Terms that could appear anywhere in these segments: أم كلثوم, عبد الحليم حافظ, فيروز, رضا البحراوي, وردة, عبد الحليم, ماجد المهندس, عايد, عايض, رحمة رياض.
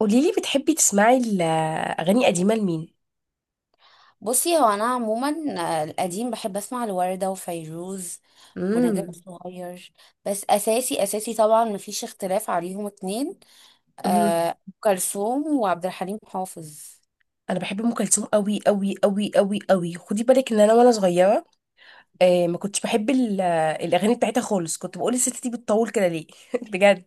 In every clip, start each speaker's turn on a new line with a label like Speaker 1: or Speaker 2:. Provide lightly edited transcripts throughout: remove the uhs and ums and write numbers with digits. Speaker 1: قوليلي بتحبي تسمعي الأغاني قديمة لمين؟
Speaker 2: بصي هو انا عموما. القديم بحب اسمع لوردة وفيروز ونجاة
Speaker 1: امم.
Speaker 2: صغير. بس اساسي طبعا مفيش اختلاف عليهم اتنين،
Speaker 1: امم.
Speaker 2: أم كلثوم وعبد الحليم حافظ.
Speaker 1: أنا بحب أم كلثوم أوي أوي أوي أوي أوي. خدي بالك إن أنا وأنا صغيرة آه، ما كنتش بحب الأغاني بتاعتها خالص، كنت بقول الست دي بتطول كده ليه؟ بجد.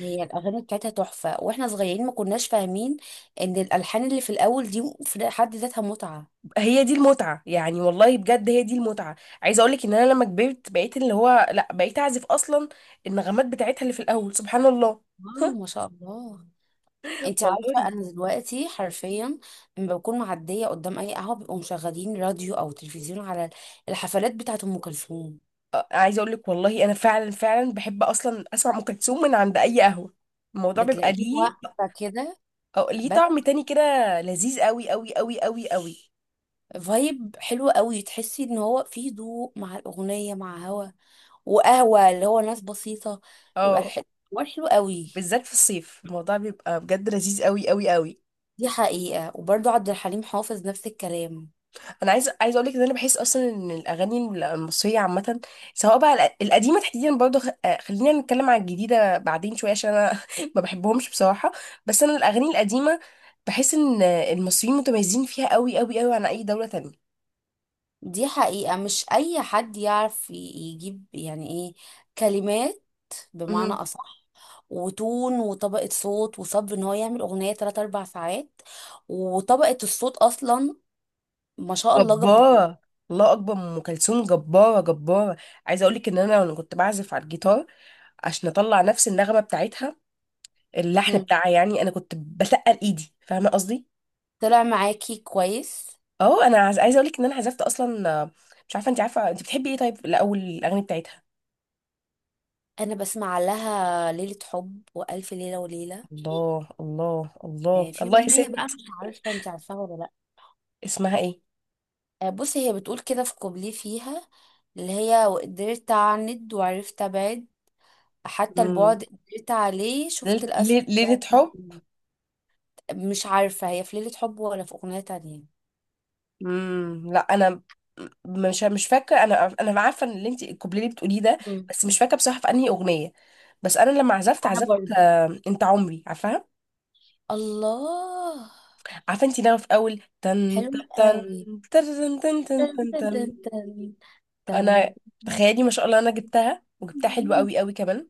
Speaker 2: هي الاغاني بتاعتها تحفة، واحنا صغيرين ما كناش فاهمين ان الالحان اللي في الاول دي في حد ذاتها متعة.
Speaker 1: هي دي المتعة يعني، والله بجد هي دي المتعة. عايزة أقولك إن أنا لما كبرت بقيت، اللي هو لأ، بقيت أعزف أصلا. النغمات بتاعتها اللي في الأول سبحان الله.
Speaker 2: واو ما شاء الله. انت عارفة
Speaker 1: والله
Speaker 2: انا دلوقتي حرفيا لما بكون معدية قدام اي قهوة بيبقوا مشغلين راديو او تلفزيون على الحفلات بتاعت ام كلثوم،
Speaker 1: عايزة أقولك والله أنا فعلا فعلا بحب أصلا أسمع أم كلثوم من عند أي قهوة. الموضوع بيبقى
Speaker 2: بتلاقيه
Speaker 1: ليه
Speaker 2: واقفة كده.
Speaker 1: أو ليه طعم
Speaker 2: بس
Speaker 1: تاني كده لذيذ قوي قوي قوي قوي قوي.
Speaker 2: فايب حلو قوي، تحسي ان هو فيه هدوء مع الأغنية مع هوا وقهوة، اللي هو ناس بسيطة، بيبقى
Speaker 1: اه،
Speaker 2: الحوار حلو قوي.
Speaker 1: بالذات في الصيف الموضوع بيبقى بجد لذيذ قوي قوي قوي.
Speaker 2: دي حقيقة، وبرضو عبد الحليم حافظ نفس الكلام.
Speaker 1: انا عايز اقول لك ان انا بحس اصلا ان الاغاني المصريه عامه، سواء بقى القديمه تحديدا، برضه خلينا نتكلم على الجديده بعدين شويه عشان انا ما بحبهمش بصراحه. بس انا الاغاني القديمه بحس ان المصريين متميزين فيها قوي قوي قوي عن اي دوله تانية.
Speaker 2: دي حقيقة، مش أي حد يعرف يجيب يعني إيه كلمات، بمعنى
Speaker 1: مهم.
Speaker 2: أصح، وتون وطبقة صوت وصبر إن هو يعمل أغنية 3 أربع ساعات. وطبقة الصوت أصلا ما شاء الله جبارة.
Speaker 1: جباره. الله اكبر، ام كلثوم جباره جباره. عايزه اقول لك ان انا وانا كنت بعزف على الجيتار عشان اطلع نفس النغمه بتاعتها، اللحن
Speaker 2: مم.
Speaker 1: بتاعها، يعني انا كنت بتقل ايدي، فاهمه قصدي.
Speaker 2: طلع معاكي كويس.
Speaker 1: اه، انا عايزه اقول لك ان انا عزفت اصلا. مش عارفه انت عارفه انت بتحبي ايه؟ طيب الاول الاغاني بتاعتها.
Speaker 2: انا بسمع لها ليلة حب والف ليلة وليلة.
Speaker 1: الله الله الله
Speaker 2: في
Speaker 1: الله يا
Speaker 2: اغنية بقى
Speaker 1: ست.
Speaker 2: مش عارفة انت عارفاها ولا لا.
Speaker 1: اسمها ايه؟
Speaker 2: بصي هي بتقول كده في كوبليه فيها، اللي هي وقدرت اعند وعرفت ابعد، حتى
Speaker 1: امم.
Speaker 2: البعد قدرت عليه شفت الاسد ده
Speaker 1: ليله
Speaker 2: في
Speaker 1: حب.
Speaker 2: الإيد. مش عارفة هي في ليلة حب ولا في اغنية تانية.
Speaker 1: امم. لا، انا مش فاكره. انا عارفه ان اللي انت الكوبليه اللي بتقوليه ده،
Speaker 2: مم.
Speaker 1: بس مش فاكره بصراحه في انهي اغنيه. بس انا لما عزفت
Speaker 2: انا
Speaker 1: عزفت
Speaker 2: برضه
Speaker 1: آه، انت عمري عارفاها.
Speaker 2: الله،
Speaker 1: عارفه انت لما في اول تن تن
Speaker 2: حلوة
Speaker 1: تن
Speaker 2: قوي.
Speaker 1: تن تن
Speaker 2: تن
Speaker 1: تن
Speaker 2: تن
Speaker 1: تن.
Speaker 2: تن تن
Speaker 1: انا، تخيلي ما شاء الله انا جبتها، وجبتها حلوه
Speaker 2: تن.
Speaker 1: قوي قوي كمان.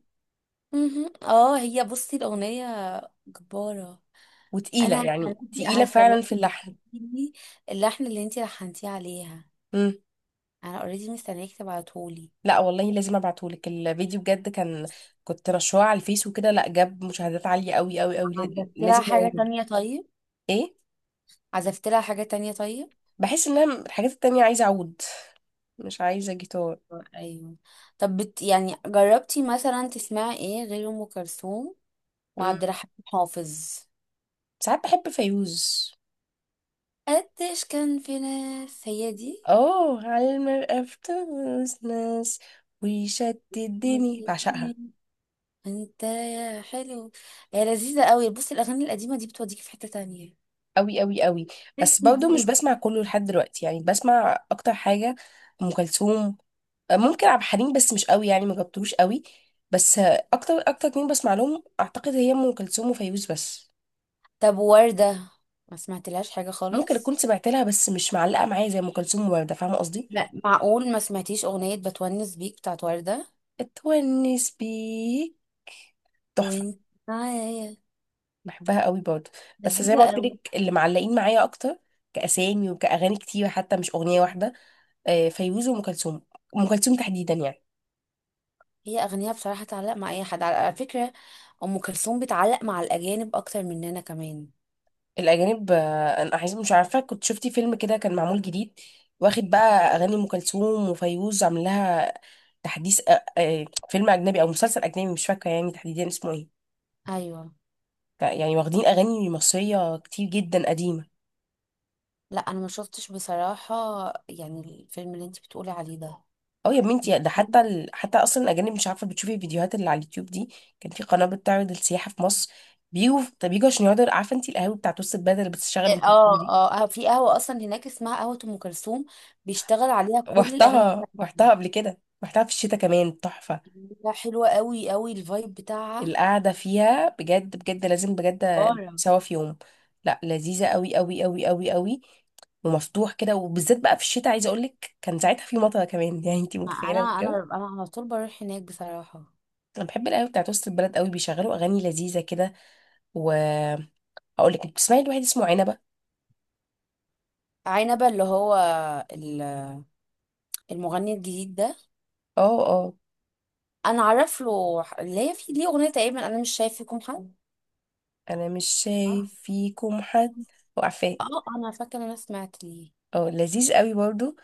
Speaker 2: مهم. اه هي بصي الأغنية جبارة.
Speaker 1: وتقيله
Speaker 2: أنا
Speaker 1: يعني،
Speaker 2: هستناكي
Speaker 1: تقيله فعلا
Speaker 2: هستناكي
Speaker 1: في اللحن.
Speaker 2: تبعتيلي اللحن اللي انتي لحنتيه عليها.
Speaker 1: مم.
Speaker 2: أنا اوريدي مستنياكي تبعتهولي.
Speaker 1: لا والله لازم ابعتهولك الفيديو بجد. كان كنت رشوه على الفيس وكده، لا جاب مشاهدات عاليه قوي قوي قوي،
Speaker 2: عزفت لها
Speaker 1: لازم
Speaker 2: حاجة
Speaker 1: اعود.
Speaker 2: تانية طيب؟
Speaker 1: ايه؟
Speaker 2: عزفت لها حاجة تانية طيب؟
Speaker 1: بحس ان انا الحاجات التانية عايزه اعود، مش عايزه جيتار.
Speaker 2: أيوه. طب بت يعني جربتي مثلا تسمعي ايه غير أم كلثوم
Speaker 1: مم.
Speaker 2: وعبد الحليم حافظ؟
Speaker 1: ساعات بحب فيوز.
Speaker 2: قديش كان في ناس هي دي.
Speaker 1: اه، على المرأة في تونس ناس، ويشتت الدنيا بعشقها
Speaker 2: انت يا حلو، هي لذيذة قوي. بصي الأغاني القديمة دي بتوديكي في حتة تانية
Speaker 1: قوي قوي قوي. بس
Speaker 2: تسلي دي.
Speaker 1: برضه مش بسمع كله لحد دلوقتي، يعني بسمع اكتر حاجه ام كلثوم. ممكن عبد الحليم، بس مش قوي يعني، ما جبتوش قوي. بس اكتر اكتر اتنين بسمع لهم اعتقد هي ام كلثوم وفيروز بس.
Speaker 2: طب وردة ما سمعتلهاش حاجة
Speaker 1: ممكن
Speaker 2: خالص؟
Speaker 1: اكون سمعت لها بس مش معلقه معايا زي ام كلثوم ووردة، فاهمه قصدي.
Speaker 2: لا معقول ما سمعتيش أغنية بتونس بيك بتاعت وردة؟
Speaker 1: اتونس بيك تحفه.
Speaker 2: وانت معايا،
Speaker 1: بحبها قوي برضه. بس زي
Speaker 2: لذيذة
Speaker 1: ما قلت
Speaker 2: أوي.
Speaker 1: لك اللي معلقين معايا اكتر كاسامي وكاغاني كتير، حتى مش اغنيه واحده. فيروز وام كلثوم. ام كلثوم تحديدا يعني.
Speaker 2: هي أغنية بصراحة تعلق مع أي حد، على فكرة، أم كلثوم بتعلق مع الأجانب أكتر مننا كمان.
Speaker 1: الأجانب، أنا عايزة، مش عارفة كنت شفتي فيلم كده كان معمول جديد، واخد بقى أغاني أم كلثوم وفيروز عامل لها تحديث. فيلم أجنبي أو مسلسل أجنبي، مش فاكرة يعني تحديدا اسمه إيه.
Speaker 2: أيوة.
Speaker 1: يعني واخدين أغاني مصرية كتير جدا قديمة.
Speaker 2: لا أنا ما شفتش بصراحة، يعني الفيلم اللي انت بتقولي عليه ده.
Speaker 1: أه يا بنتي، ده حتى حتى أصلا الأجانب، مش عارفة بتشوفي الفيديوهات اللي على اليوتيوب دي، كان في قناة بتعرض السياحة في مصر. بيجوا، طب بيجوا عشان يقعدوا، عارفة أنت القهاوي بتاعت وسط البلد اللي بتشتغل أم
Speaker 2: اه
Speaker 1: كلثوم دي؟
Speaker 2: اه، في قهوة أصلا هناك اسمها قهوة أم كلثوم، بيشتغل عليها كل الأغاني
Speaker 1: رحتها، رحتها
Speaker 2: بتاعتها.
Speaker 1: قبل كده. رحتها في الشتاء كمان تحفة.
Speaker 2: لا حلوة قوي قوي الفايب بتاعها.
Speaker 1: القعدة فيها بجد بجد لازم بجد
Speaker 2: بارة.
Speaker 1: سوا في يوم. لا، لذيذة قوي قوي قوي قوي قوي. ومفتوح كده، وبالذات بقى في الشتاء، عايزة اقولك كان ساعتها في مطر كمان يعني انتي متخيلة
Speaker 2: انا
Speaker 1: الجو.
Speaker 2: انا انا على طول بروح هناك بصراحة.
Speaker 1: انا بحب القهوة بتاعت وسط البلد قوي، بيشغلوا اغاني لذيذة كده. واقول لك، بتسمعي لواحد اسمه عنبة؟
Speaker 2: عنبة اللي هو ال- المغني الجديد ده.
Speaker 1: اه اه.
Speaker 2: انا عارف له اللي هي في ليه اغنية تقريبا انا مش شايف فيكم حد،
Speaker 1: انا مش
Speaker 2: صح؟
Speaker 1: شايف فيكم حد. وعفاه.
Speaker 2: اه انا فاكرة إن انا سمعت ليه.
Speaker 1: اه، لذيذ قوي برضو.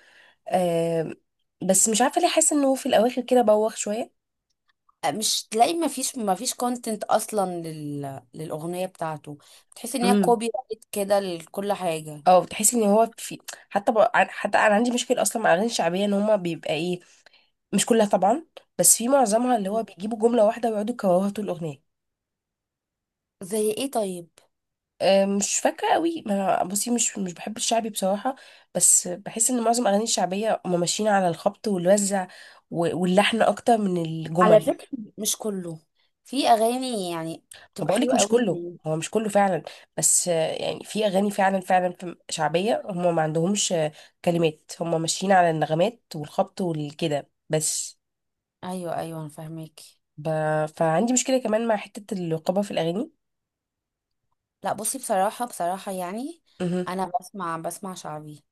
Speaker 1: آه. بس مش عارفة ليه حاسة انه في الاواخر كده بوخ شوية.
Speaker 2: مش تلاقي ما فيش كونتنت اصلا للاغنية بتاعته، بتحس ان هي كوبي رايت كده لكل حاجة.
Speaker 1: اه، بتحس ان هو في، حتى حتى انا عندي مشكله اصلا مع الاغاني الشعبيه ان هما بيبقى ايه. مش كلها طبعا، بس في معظمها اللي هو بيجيبوا جمله واحده ويقعدوا يكرروها طول الاغنيه.
Speaker 2: زي ايه طيب؟
Speaker 1: أه مش فاكره قوي، ما أنا- بصي مش بحب الشعبي بصراحه. بس بحس ان معظم الاغاني الشعبيه هما ماشيين على الخبط والوزع، واللحن اكتر من
Speaker 2: على
Speaker 1: الجمل.
Speaker 2: فكرة مش كله، في اغاني يعني
Speaker 1: ما
Speaker 2: بتبقى
Speaker 1: بقولك
Speaker 2: حلوة
Speaker 1: مش
Speaker 2: قوي.
Speaker 1: كله، هو مش كله فعلا. بس يعني في اغاني فعلا فعلا شعبيه هما ما عندهمش كلمات، هما ماشيين على النغمات والخبط والكده بس.
Speaker 2: ايوه ايوه انا فاهمك.
Speaker 1: ب... فعندي مشكلة كمان مع حتة الرقابة في الأغاني.
Speaker 2: لا بصي بصراحه يعني
Speaker 1: مهم.
Speaker 2: انا بسمع شعبي،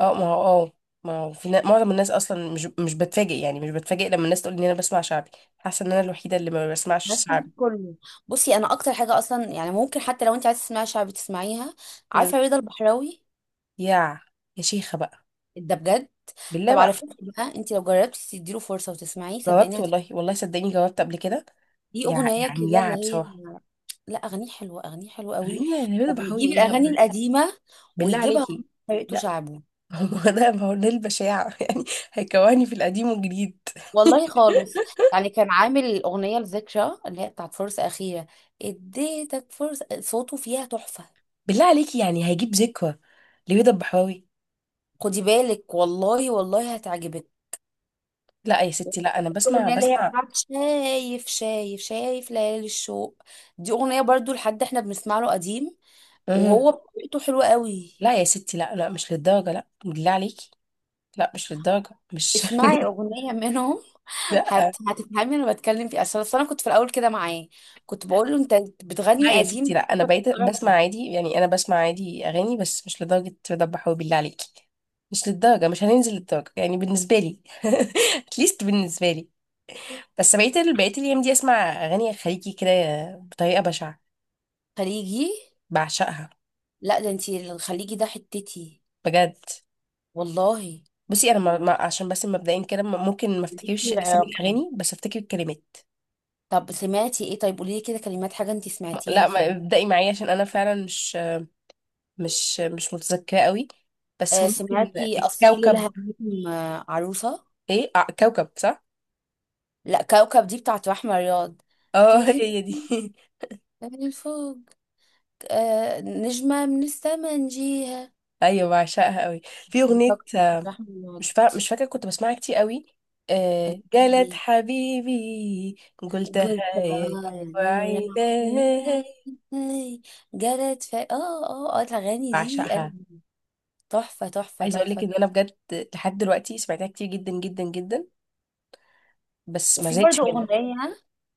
Speaker 1: اه، ما هو اه، ما هو في معظم الناس اصلا مش بتفاجئ يعني، مش بتفاجئ لما الناس تقول ان انا بسمع شعبي. حاسه ان انا الوحيده اللي ما بسمعش
Speaker 2: بس مش
Speaker 1: شعبي.
Speaker 2: كله. بصي انا اكتر حاجه اصلا يعني ممكن حتى لو انت عايزه تسمعي شعبي تسمعيها.
Speaker 1: مم.
Speaker 2: عارفه رضا البحراوي؟
Speaker 1: يا يا شيخه بقى.
Speaker 2: ده بجد.
Speaker 1: بالله
Speaker 2: طب على
Speaker 1: بقى.
Speaker 2: فكره بقى انت لو جربتي تديله فرصه وتسمعيه صدقيني
Speaker 1: جاوبت
Speaker 2: هتحبي.
Speaker 1: والله، والله صدقيني جاوبت قبل كده.
Speaker 2: دي اغنيه
Speaker 1: يعني
Speaker 2: كده
Speaker 1: يا
Speaker 2: اللي هي.
Speaker 1: بصراحه.
Speaker 2: لا اغانيه حلوه، اغانيه حلوه قوي،
Speaker 1: غنينا يا نبيل بحوي
Speaker 2: وبيجيب
Speaker 1: ايه، لا
Speaker 2: الاغاني القديمه
Speaker 1: بالله
Speaker 2: ويجيبها
Speaker 1: عليكي.
Speaker 2: بطريقته
Speaker 1: لا
Speaker 2: شعبي.
Speaker 1: هو ده، ما هو ده البشاعه يعني، هيكواني في القديم والجديد.
Speaker 2: والله خالص. يعني كان عامل أغنية لذكرى اللي هي بتاعت فرصة أخيرة، اديتك فرصة، صوته فيها تحفة.
Speaker 1: بالله عليكي، يعني هيجيب ذكرى لبيضة البحراوي؟
Speaker 2: خدي بالك والله والله هتعجبك.
Speaker 1: لا يا ستي، لا، انا بسمع
Speaker 2: الأغنية اللي هي
Speaker 1: بسمع
Speaker 2: بتاعت شايف ليالي الشوق، دي أغنية برضو لحد احنا بنسمع له قديم، وهو
Speaker 1: مهم.
Speaker 2: بطريقته حلوة قوي.
Speaker 1: لا يا ستي، لا لا، مش للدرجه، لا بالله عليكي. لا، مش للدرجه مش.
Speaker 2: اسمعي أغنية منهم،
Speaker 1: لا.
Speaker 2: هتفهمي أنا بتكلم في إيه. أصل أنا كنت في الأول كده معاه، كنت بقول له أنت
Speaker 1: لا
Speaker 2: بتغني
Speaker 1: يا ستي
Speaker 2: قديم.
Speaker 1: لا، انا بقيت بسمع عادي، يعني انا بسمع عادي اغاني بس مش لدرجه رضا حبيبي بالله عليكي. مش للدرجه، مش هننزل للدرجه يعني بالنسبه لي. اتليست بالنسبه لي. بس بقيت بقيت الايام دي اسمع اغاني خليجي كده بطريقه بشعه،
Speaker 2: خليجي؟
Speaker 1: بعشقها
Speaker 2: لا ده انتي الخليجي ده حتتي
Speaker 1: بجد.
Speaker 2: والله.
Speaker 1: بصي انا عشان بس مبدئيا كده ممكن ما
Speaker 2: ليكي
Speaker 1: افتكرش اسامي
Speaker 2: العراقي.
Speaker 1: الاغاني بس افتكر الكلمات.
Speaker 2: طب سمعتي ايه طيب؟ قولي لي كده كلمات حاجة انتي سمعتيها
Speaker 1: لا
Speaker 2: خليجي.
Speaker 1: ابدأي معايا عشان انا فعلا مش مش متذكرة قوي. بس
Speaker 2: آه
Speaker 1: ممكن
Speaker 2: سمعتي اصيل
Speaker 1: الكوكب.
Speaker 2: الهميم؟ عروسة؟
Speaker 1: ايه؟ آه كوكب، صح.
Speaker 2: لا كوكب دي بتاعت رحمة رياض.
Speaker 1: اه
Speaker 2: تيجي
Speaker 1: هي دي.
Speaker 2: من الفوق، آه نجمة من السما نجيها.
Speaker 1: ايوه، بعشقها قوي. في
Speaker 2: دي
Speaker 1: اغنية
Speaker 2: كوكب بتاعت رحمة رياض.
Speaker 1: مش فاكرة، كنت بسمعها كتير قوي. جالت
Speaker 2: ايه،
Speaker 1: حبيبي قلتها
Speaker 2: قلت
Speaker 1: يا لو
Speaker 2: غار نور
Speaker 1: عيني.
Speaker 2: عيني جرت في اه اه اه الاغاني دي
Speaker 1: بعشقها.
Speaker 2: أنا- تحفة تحفة
Speaker 1: عايزة اقول لك
Speaker 2: تحفة.
Speaker 1: ان انا بجد لحد دلوقتي سمعتها كتير جدا جدا جدا بس ما
Speaker 2: وفي
Speaker 1: زهقتش
Speaker 2: برضه
Speaker 1: منها.
Speaker 2: أغنية،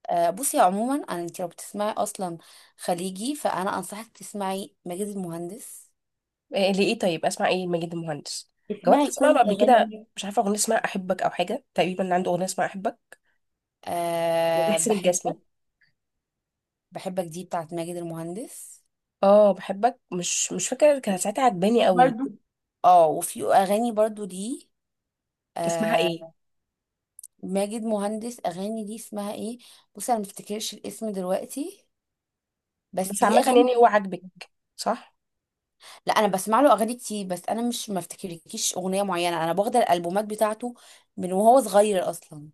Speaker 2: بصي عموما أنا، أنت لو بتسمعي أصلا خليجي فأنا أنصحك تسمعي ماجد المهندس.
Speaker 1: إيه لإيه؟ طيب أسمع إيه ماجد المهندس؟ جربت
Speaker 2: اسمعي
Speaker 1: أسمع له
Speaker 2: كل
Speaker 1: قبل كده،
Speaker 2: أغاني.
Speaker 1: مش عارفة أغنية اسمها أحبك أو حاجة، تقريبا عنده أغنية اسمها أحبك.
Speaker 2: أه
Speaker 1: لحسين الجسمي.
Speaker 2: بحبك، بحبك دي بتاعت ماجد المهندس.
Speaker 1: اه بحبك، مش فاكرة كانت ساعتها عجباني
Speaker 2: في
Speaker 1: قوي.
Speaker 2: برضه، اه وفي أغاني برضه دي،
Speaker 1: اسمها إيه؟
Speaker 2: أه، ماجد مهندس أغاني دي اسمها ايه؟ بصي أنا مفتكرش الاسم دلوقتي بس
Speaker 1: بس
Speaker 2: ليه
Speaker 1: عامة
Speaker 2: أغاني.
Speaker 1: يعني هو عاجبك، صح؟
Speaker 2: لا أنا بسمع له أغاني كتير بس أنا مش مفتكرلكيش أغنية معينة، أنا باخد الألبومات بتاعته من وهو صغير أصلا.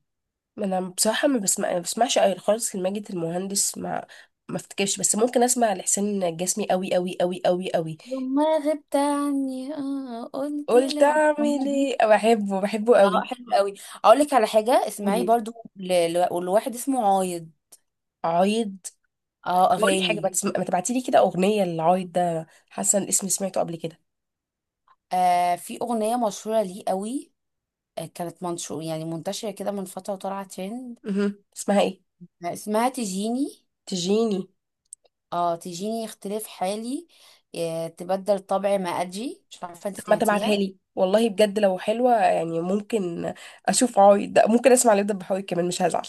Speaker 1: ما أنا بصراحة ما بسمعش أوي خالص لماجد المهندس، ما ما افتكرش. بس ممكن اسمع لحسين الجسمي قوي قوي قوي قوي قوي.
Speaker 2: لما غبت عني اه قلت لي
Speaker 1: قلت
Speaker 2: على، الأغنية
Speaker 1: اعمل
Speaker 2: دي
Speaker 1: ايه، بحبه بحبه
Speaker 2: اه
Speaker 1: قوي.
Speaker 2: حلو قوي. اقول لك على حاجه، اسمعي
Speaker 1: قولي.
Speaker 2: برضو لواحد اسمه عايض.
Speaker 1: عايض؟
Speaker 2: اه
Speaker 1: بقول لك حاجه،
Speaker 2: اغاني.
Speaker 1: ما تبعتي لي كده اغنيه للعايد ده، حاسه ان اسمي سمعته قبل كده.
Speaker 2: آه في اغنيه مشهوره ليه قوي، آه كانت منشور يعني منتشره كده من فتره وطالعه ترند.
Speaker 1: مهم. اسمها ايه؟
Speaker 2: آه اسمها تجيني.
Speaker 1: تجيني.
Speaker 2: اه تجيني اختلاف حالي، آه تبدل طبعي ما اجي، مش عارفه انت
Speaker 1: ما تبعتها
Speaker 2: سمعتيها.
Speaker 1: لي والله بجد، لو حلوه يعني ممكن اشوف عايد ده، ممكن اسمع لبدة بحوي كمان مش هزعل.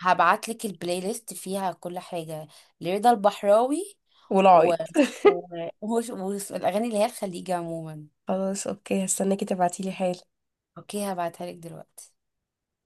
Speaker 2: هبعتلك البلاي ليست فيها كل حاجة لرضا البحراوي
Speaker 1: ولا
Speaker 2: و...
Speaker 1: عايد
Speaker 2: و... وهو- والأغاني اللي هي الخليجي عموما.
Speaker 1: خلاص اوكي، هستناكي تبعتي لي حاجه.
Speaker 2: اوكي هبعتها لك دلوقتي.